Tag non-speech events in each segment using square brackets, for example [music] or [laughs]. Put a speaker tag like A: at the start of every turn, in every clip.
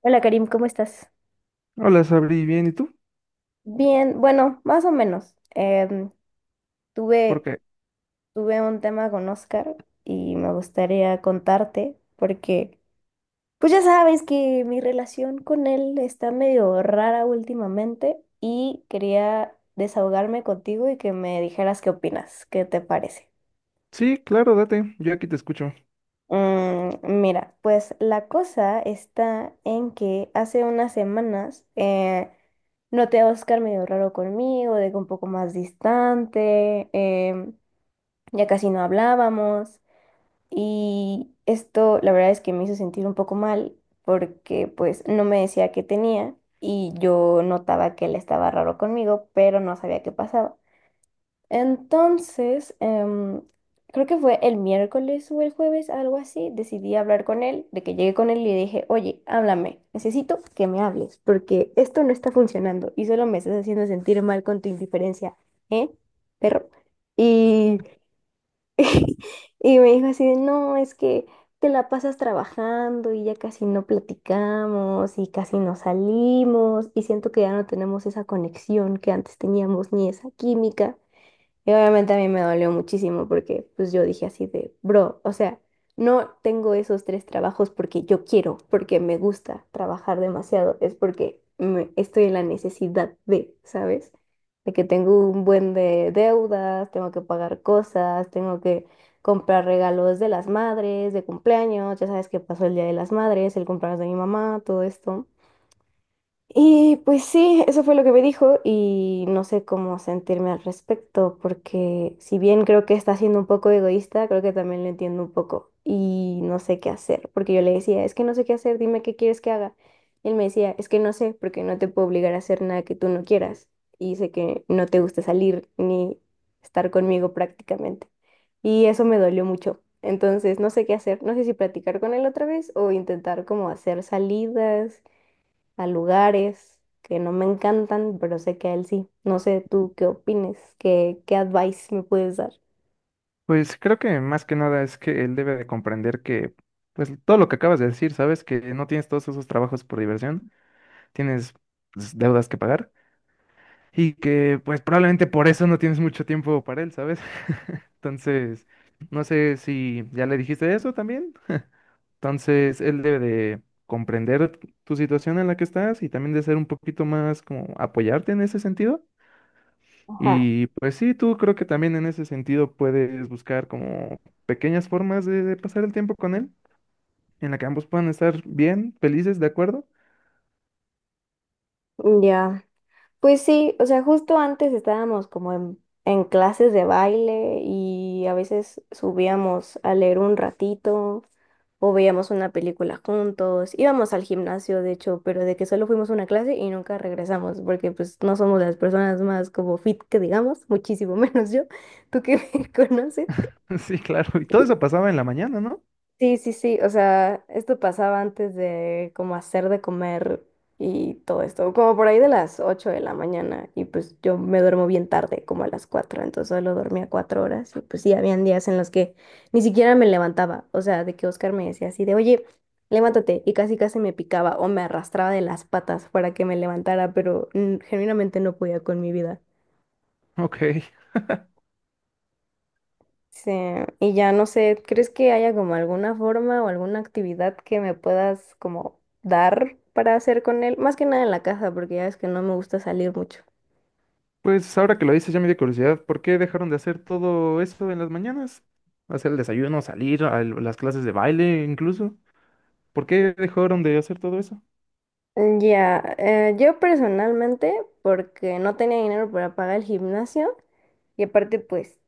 A: Hola Karim, ¿cómo estás?
B: Hola, Sabri, bien, ¿y tú?
A: Bien, bueno, más o menos. Tuve,
B: Porque
A: tuve un tema con Oscar y me gustaría contarte porque pues ya sabes que mi relación con él está medio rara últimamente y quería desahogarme contigo y que me dijeras qué opinas, qué te parece.
B: sí, claro, date, yo aquí te escucho.
A: Mm, mira, pues la cosa está en que hace unas semanas noté a Oscar medio raro conmigo, de que un poco más distante, ya casi no hablábamos y esto la verdad es que me hizo sentir un poco mal porque pues no me decía qué tenía y yo notaba que él estaba raro conmigo, pero no sabía qué pasaba. Entonces, creo que fue el miércoles o el jueves, algo así, decidí hablar con él, de que llegué con él y le dije, oye, háblame, necesito que me hables, porque esto no está funcionando y solo me estás haciendo sentir mal con tu indiferencia, ¿eh, perro? Y, [laughs] y me dijo así de, no, es que te la pasas trabajando y ya casi no platicamos y casi no salimos y siento que ya no tenemos esa conexión que antes teníamos ni esa química. Y obviamente a mí me dolió muchísimo porque pues yo dije así de, bro, o sea, no tengo esos tres trabajos porque yo quiero, porque me gusta trabajar demasiado, es porque estoy en la necesidad de, ¿sabes? De que tengo un buen de deudas, tengo que pagar cosas, tengo que comprar regalos de las madres, de cumpleaños, ya sabes que pasó el Día de las Madres, el cumpleaños de mi mamá, todo esto. Y pues sí, eso fue lo que me dijo y no sé cómo sentirme al respecto, porque si bien creo que está siendo un poco egoísta, creo que también lo entiendo un poco y no sé qué hacer, porque yo le decía, es que no sé qué hacer, dime qué quieres que haga. Y él me decía, es que no sé, porque no te puedo obligar a hacer nada que tú no quieras y sé que no te gusta salir ni estar conmigo prácticamente. Y eso me dolió mucho. Entonces, no sé qué hacer, no sé si platicar con él otra vez o intentar como hacer salidas a lugares que no me encantan, pero sé que a él sí. No sé tú qué opines, qué advice me puedes dar.
B: Pues creo que más que nada es que él debe de pues todo lo que acabas de decir, ¿sabes? Que no tienes todos esos trabajos por diversión, tienes pues, deudas que pagar y que pues probablemente por eso no tienes mucho tiempo para él, ¿sabes? [laughs] Entonces, no sé si ya le dijiste eso también. Entonces, él debe de comprender tu situación en la que estás y también de ser un poquito más como apoyarte en ese sentido.
A: Ajá,
B: Y pues sí, tú creo que también en ese sentido puedes buscar como pequeñas formas de pasar el tiempo con él, en la que ambos puedan estar bien, felices, ¿de acuerdo?
A: ya. Pues sí, o sea, justo antes estábamos como en clases de baile y a veces subíamos a leer un ratito o veíamos una película juntos, íbamos al gimnasio, de hecho, pero de que solo fuimos a una clase y nunca regresamos, porque pues no somos las personas más como fit que digamos, muchísimo [laughs] menos yo, tú que me [laughs] conoces.
B: [laughs] Sí, claro. Y todo eso pasaba en la mañana, ¿no?
A: Sí, sí, sí, o sea, esto pasaba antes de como hacer de comer y todo esto, como por ahí de las 8 de la mañana y pues yo me duermo bien tarde, como a las 4, entonces solo dormía 4 horas y pues sí, habían días en los que ni siquiera me levantaba, o sea, de que Oscar me decía así de, oye, levántate y casi casi me picaba o me arrastraba de las patas para que me levantara, pero mm, genuinamente no podía con mi vida.
B: Ok.
A: Sí, y ya no sé, ¿crees que haya como alguna forma o alguna actividad que me puedas como dar para hacer con él? Más que nada en la casa, porque ya es que no me gusta salir mucho.
B: Pues ahora que lo dices ya me dio curiosidad, ¿por qué dejaron de hacer todo eso en las mañanas? Hacer el desayuno, salir a las clases de baile incluso. ¿Por qué dejaron de hacer todo eso?
A: Mm, ya, yo personalmente, porque no tenía dinero para pagar el gimnasio y aparte pues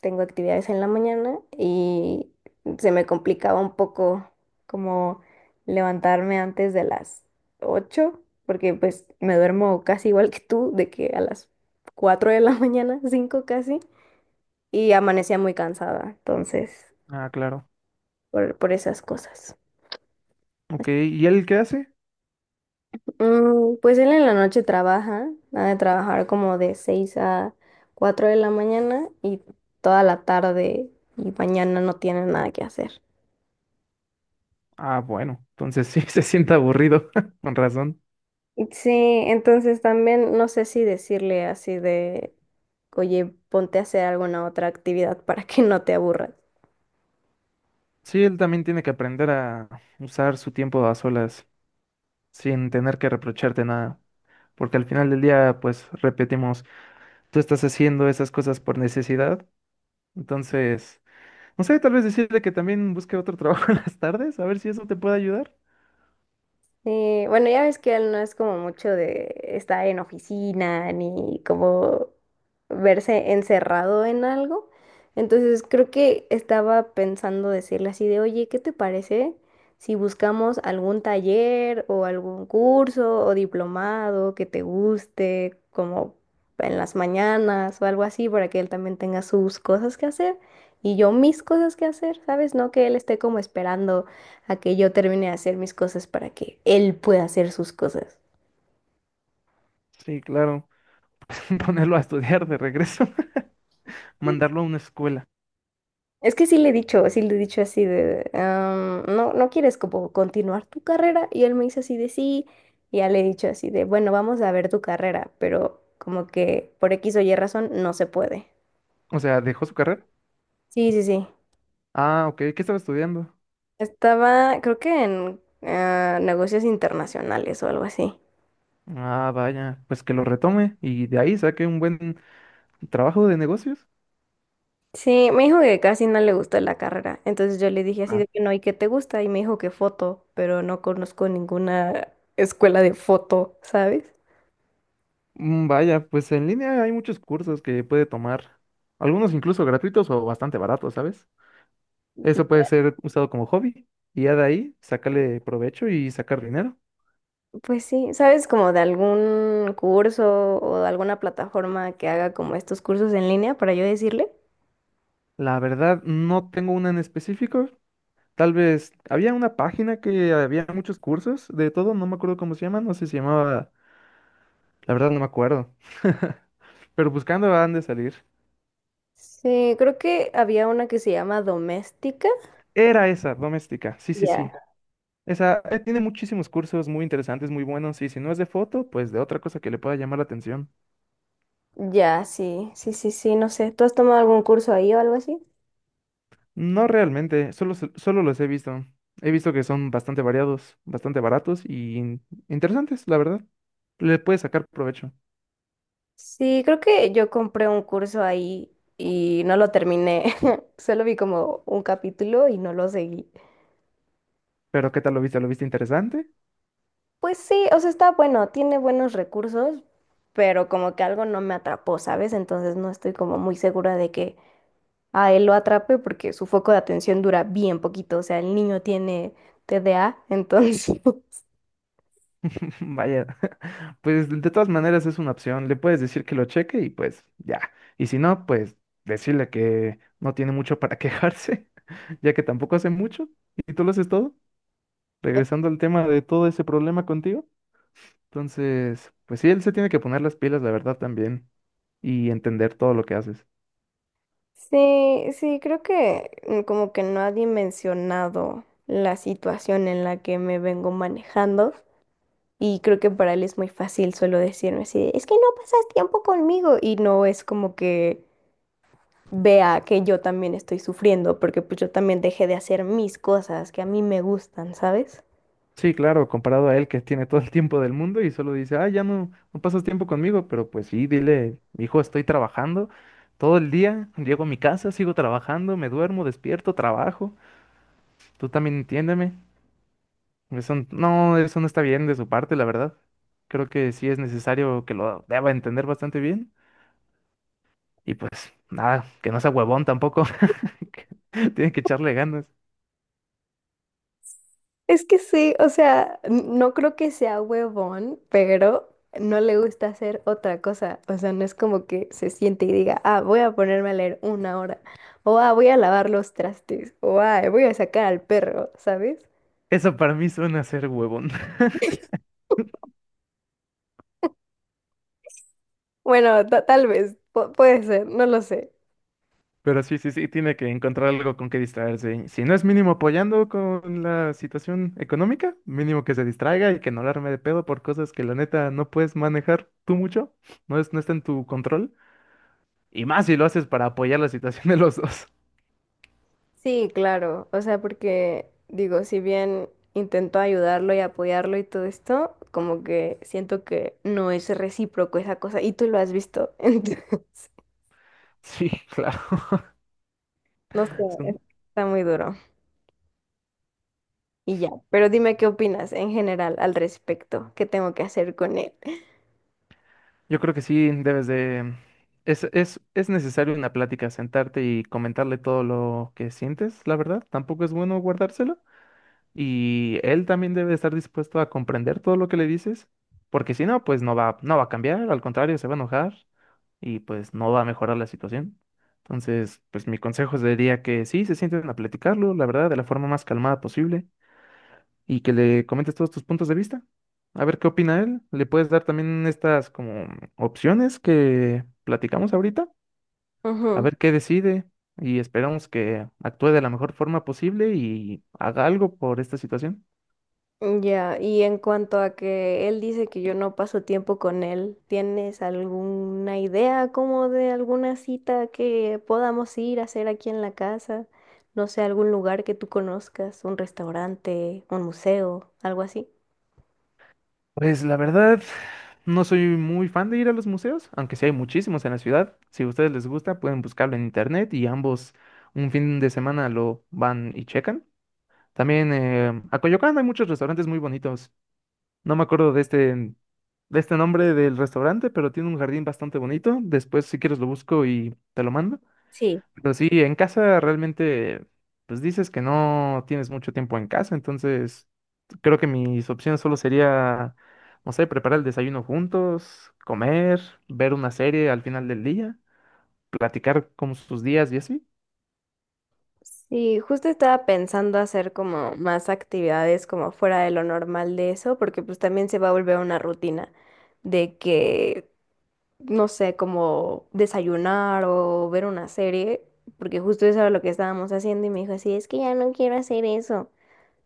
A: tengo actividades en la mañana y se me complicaba un poco como levantarme antes de las 8, porque pues me duermo casi igual que tú, de que a las 4 de la [laughs] mañana, 5 casi, y amanecía muy cansada, entonces,
B: Ah, claro.
A: por esas cosas.
B: Ok. ¿Y él qué hace?
A: Mm, pues él en la noche trabaja, ha de trabajar como de 6 a 4 de la mañana y toda la tarde y mañana no tiene nada que hacer.
B: Ah, bueno. Entonces sí, [laughs] se siente aburrido, [laughs] con razón.
A: Sí, entonces también no sé si decirle así de, oye, ponte a hacer alguna otra actividad para que no te aburras.
B: Sí, él también tiene que aprender a usar su tiempo a solas, sin tener que reprocharte nada. Porque al final del día, pues repetimos, tú estás haciendo esas cosas por necesidad. Entonces, no sé, tal vez decirle que también busque otro trabajo [laughs] en las tardes, a ver si eso te puede ayudar.
A: Sí, bueno, ya ves que él no es como mucho de estar en oficina ni como verse encerrado en algo. Entonces creo que estaba pensando decirle así de, oye, ¿qué te parece si buscamos algún taller o algún curso o diplomado que te guste, como en las mañanas o algo así, para que él también tenga sus cosas que hacer y yo mis cosas que hacer, ¿sabes? No que él esté como esperando a que yo termine de hacer mis cosas para que él pueda hacer sus cosas.
B: Sí, claro. [laughs] Ponerlo a estudiar de regreso, [laughs] mandarlo a una escuela.
A: Es que sí le he dicho, sí le he dicho así de, "Ah, no, no quieres como continuar tu carrera". Y él me dice así de sí, y ya le he dicho así de, bueno, vamos a ver tu carrera, pero como que por X o Y razón no se puede.
B: O sea, dejó su carrera.
A: Sí, sí, sí.
B: Ah, ok, ¿qué estaba estudiando?
A: Estaba, creo que en ah, negocios internacionales o algo así.
B: Ah, vaya, pues que lo retome y de ahí saque un buen trabajo de negocios.
A: Sí, me dijo que casi no le gustó la carrera. Entonces yo le dije así de que no, ¿y qué te gusta? Y me dijo que foto, pero no conozco ninguna escuela de foto, ¿sabes?
B: Mm, vaya, pues en línea hay muchos cursos que puede tomar, algunos incluso gratuitos o bastante baratos, ¿sabes? Eso puede ser usado como hobby y ya de ahí sacarle provecho y sacar dinero.
A: Pues sí, ¿sabes como de algún curso o de alguna plataforma que haga como estos cursos en línea para yo decirle?
B: La verdad, no tengo una en específico. Tal vez había una página que había muchos cursos de todo, no me acuerdo cómo se llama, no sé si se llamaba, la verdad no me acuerdo. [laughs] Pero buscando han de salir.
A: Sí, creo que había una que se llama Doméstica.
B: Era esa, doméstica, sí, sí, sí.
A: Ya.
B: Esa, tiene muchísimos cursos muy interesantes, muy buenos, y si no es de foto, pues de otra cosa que le pueda llamar la atención.
A: Ya, sí, sí, sí, sí, no sé. ¿Tú has tomado algún curso ahí o algo así?
B: No realmente, solo, solo los he visto. He visto que son bastante variados, bastante baratos y interesantes, la verdad. Le puedes sacar provecho.
A: Sí, creo que yo compré un curso ahí y no lo terminé. [laughs] Solo vi como un capítulo y no lo seguí.
B: Pero ¿qué tal lo viste? ¿Lo viste interesante?
A: Pues sí, o sea, está bueno, tiene buenos recursos, pero como que algo no me atrapó, ¿sabes? Entonces no estoy como muy segura de que a él lo atrape porque su foco de atención dura bien poquito. O sea, el niño tiene TDA, entonces... [laughs]
B: [laughs] Vaya, [laughs] pues de todas maneras es una opción. Le puedes decir que lo cheque y pues ya. Y si no, pues decirle que no tiene mucho para quejarse, [laughs] ya que tampoco hace mucho y tú lo haces todo. Regresando al tema de todo ese problema contigo, entonces, pues sí, él se tiene que poner las pilas, la verdad, también, y entender todo lo que haces.
A: Sí, sí, creo que mm, como que no ha dimensionado la situación en la que me vengo manejando. Y creo que para él es muy fácil solo decirme así, de, es que no pasas tiempo conmigo y no es como que vea que yo también estoy sufriendo porque pues yo también dejé de hacer mis cosas que a mí me gustan, ¿sabes?
B: Sí, claro, comparado a él que tiene todo el tiempo del mundo y solo dice, ah, ya no, no pasas tiempo conmigo, pero pues sí, dile, hijo, estoy trabajando todo el día, llego a mi casa, sigo trabajando, me duermo, despierto, trabajo, tú también entiéndeme. No, eso no está bien de su parte, la verdad. Creo que sí es necesario que lo deba entender bastante bien. Y pues nada, que no sea huevón tampoco. [laughs] Que tiene que echarle ganas.
A: Es que sí, o sea, no creo que sea huevón, pero no le gusta hacer otra cosa. O sea, no es como que se siente y diga, ah, voy a ponerme a leer una hora, o ah, voy a lavar los trastes, o ah, voy a sacar al perro, ¿sabes?
B: Eso para mí suena ser huevón. [laughs]
A: Bueno, tal vez, puede ser, no lo sé.
B: Pero sí, sí, sí, tiene que encontrar algo con que distraerse. Y si no es mínimo apoyando con la situación económica, mínimo que se distraiga y que no la arme de pedo por cosas que la neta no puedes manejar tú mucho, no está en tu control. Y más si lo haces para apoyar la situación de los dos. [laughs]
A: Sí, claro. O sea, porque digo, si bien intento ayudarlo y apoyarlo y todo esto, como que siento que no es recíproco esa cosa. Y tú lo has visto. [laughs] Entonces,
B: Sí, claro.
A: no sé, está muy duro. Y ya. Pero dime qué opinas en general al respecto. ¿Qué tengo que hacer con él?
B: Yo creo que sí, debes de... Es necesario una plática, sentarte y comentarle todo lo que sientes, la verdad. Tampoco es bueno guardárselo. Y él también debe estar dispuesto a comprender todo lo que le dices, porque si no, no va a cambiar, al contrario, se va a enojar y pues no va a mejorar la situación. Entonces, pues mi consejo sería que sí, se sienten a platicarlo, la verdad, de la forma más calmada posible y que le comentes todos tus puntos de vista. A ver qué opina él. Le puedes dar también estas como opciones que platicamos ahorita. A
A: Ujú.
B: ver qué decide y esperamos que actúe de la mejor forma posible y haga algo por esta situación.
A: Ya, y en cuanto a que él dice que yo no paso tiempo con él, ¿tienes alguna idea como de alguna cita que podamos ir a hacer aquí en la casa? No sé, algún lugar que tú conozcas, un restaurante, un museo, algo así.
B: Pues la verdad, no soy muy fan de ir a los museos, aunque sí hay muchísimos en la ciudad. Si a ustedes les gusta, pueden buscarlo en internet y ambos un fin de semana lo van y checan. También a Coyoacán hay muchos restaurantes muy bonitos. No me acuerdo de este, De este nombre del restaurante, pero tiene un jardín bastante bonito. Después, si quieres, lo busco y te lo mando.
A: Sí.
B: Pero sí, en casa realmente, pues dices que no tienes mucho tiempo en casa, entonces creo que mis opciones solo sería, no sé, preparar el desayuno juntos, comer, ver una serie al final del día, platicar como sus días y así.
A: Sí, justo estaba pensando hacer como más actividades como fuera de lo normal de eso, porque pues también se va a volver una rutina de que no sé, como desayunar o ver una serie, porque justo eso era lo que estábamos haciendo y me dijo así, es que ya no quiero hacer eso.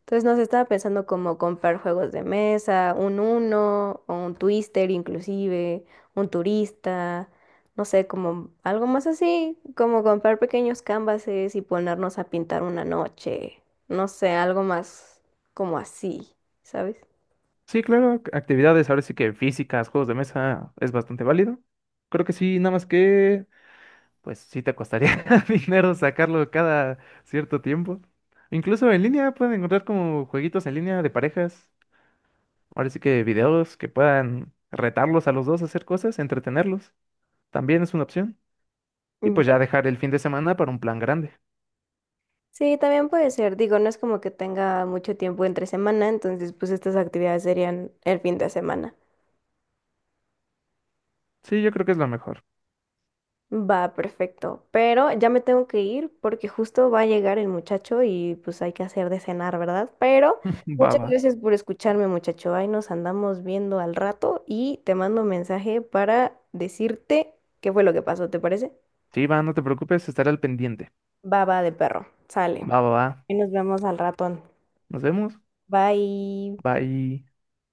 A: Entonces nos estaba pensando como comprar juegos de mesa, un Uno o un Twister inclusive, un turista, no sé, como algo más así, como comprar pequeños canvases y ponernos a pintar una noche, no sé, algo más como así, ¿sabes?
B: Sí, claro, actividades ahora sí que físicas, juegos de mesa es bastante válido. Creo que sí, nada más que pues sí te costaría [laughs] dinero sacarlo cada cierto tiempo. Incluso en línea pueden encontrar como jueguitos en línea de parejas. Ahora sí que videos que puedan retarlos a los dos a hacer cosas, entretenerlos. También es una opción. Y pues
A: Ya.
B: ya dejar el fin de semana para un plan grande.
A: Sí, también puede ser. Digo, no es como que tenga mucho tiempo entre semana, entonces pues estas actividades serían el fin de semana.
B: Sí, yo creo que es lo mejor.
A: Va, perfecto. Pero ya me tengo que ir porque justo va a llegar el muchacho y pues hay que hacer de cenar, ¿verdad? Pero
B: [laughs] Va,
A: muchas
B: va.
A: gracias por escucharme, muchacho. Ahí nos andamos viendo al rato y te mando un mensaje para decirte qué fue lo que pasó, ¿te parece?
B: Sí, va, no te preocupes, estaré al pendiente.
A: Baba de perro. Sale.
B: Va, va, va.
A: Y nos vemos al ratón.
B: Nos vemos.
A: Bye.
B: Bye.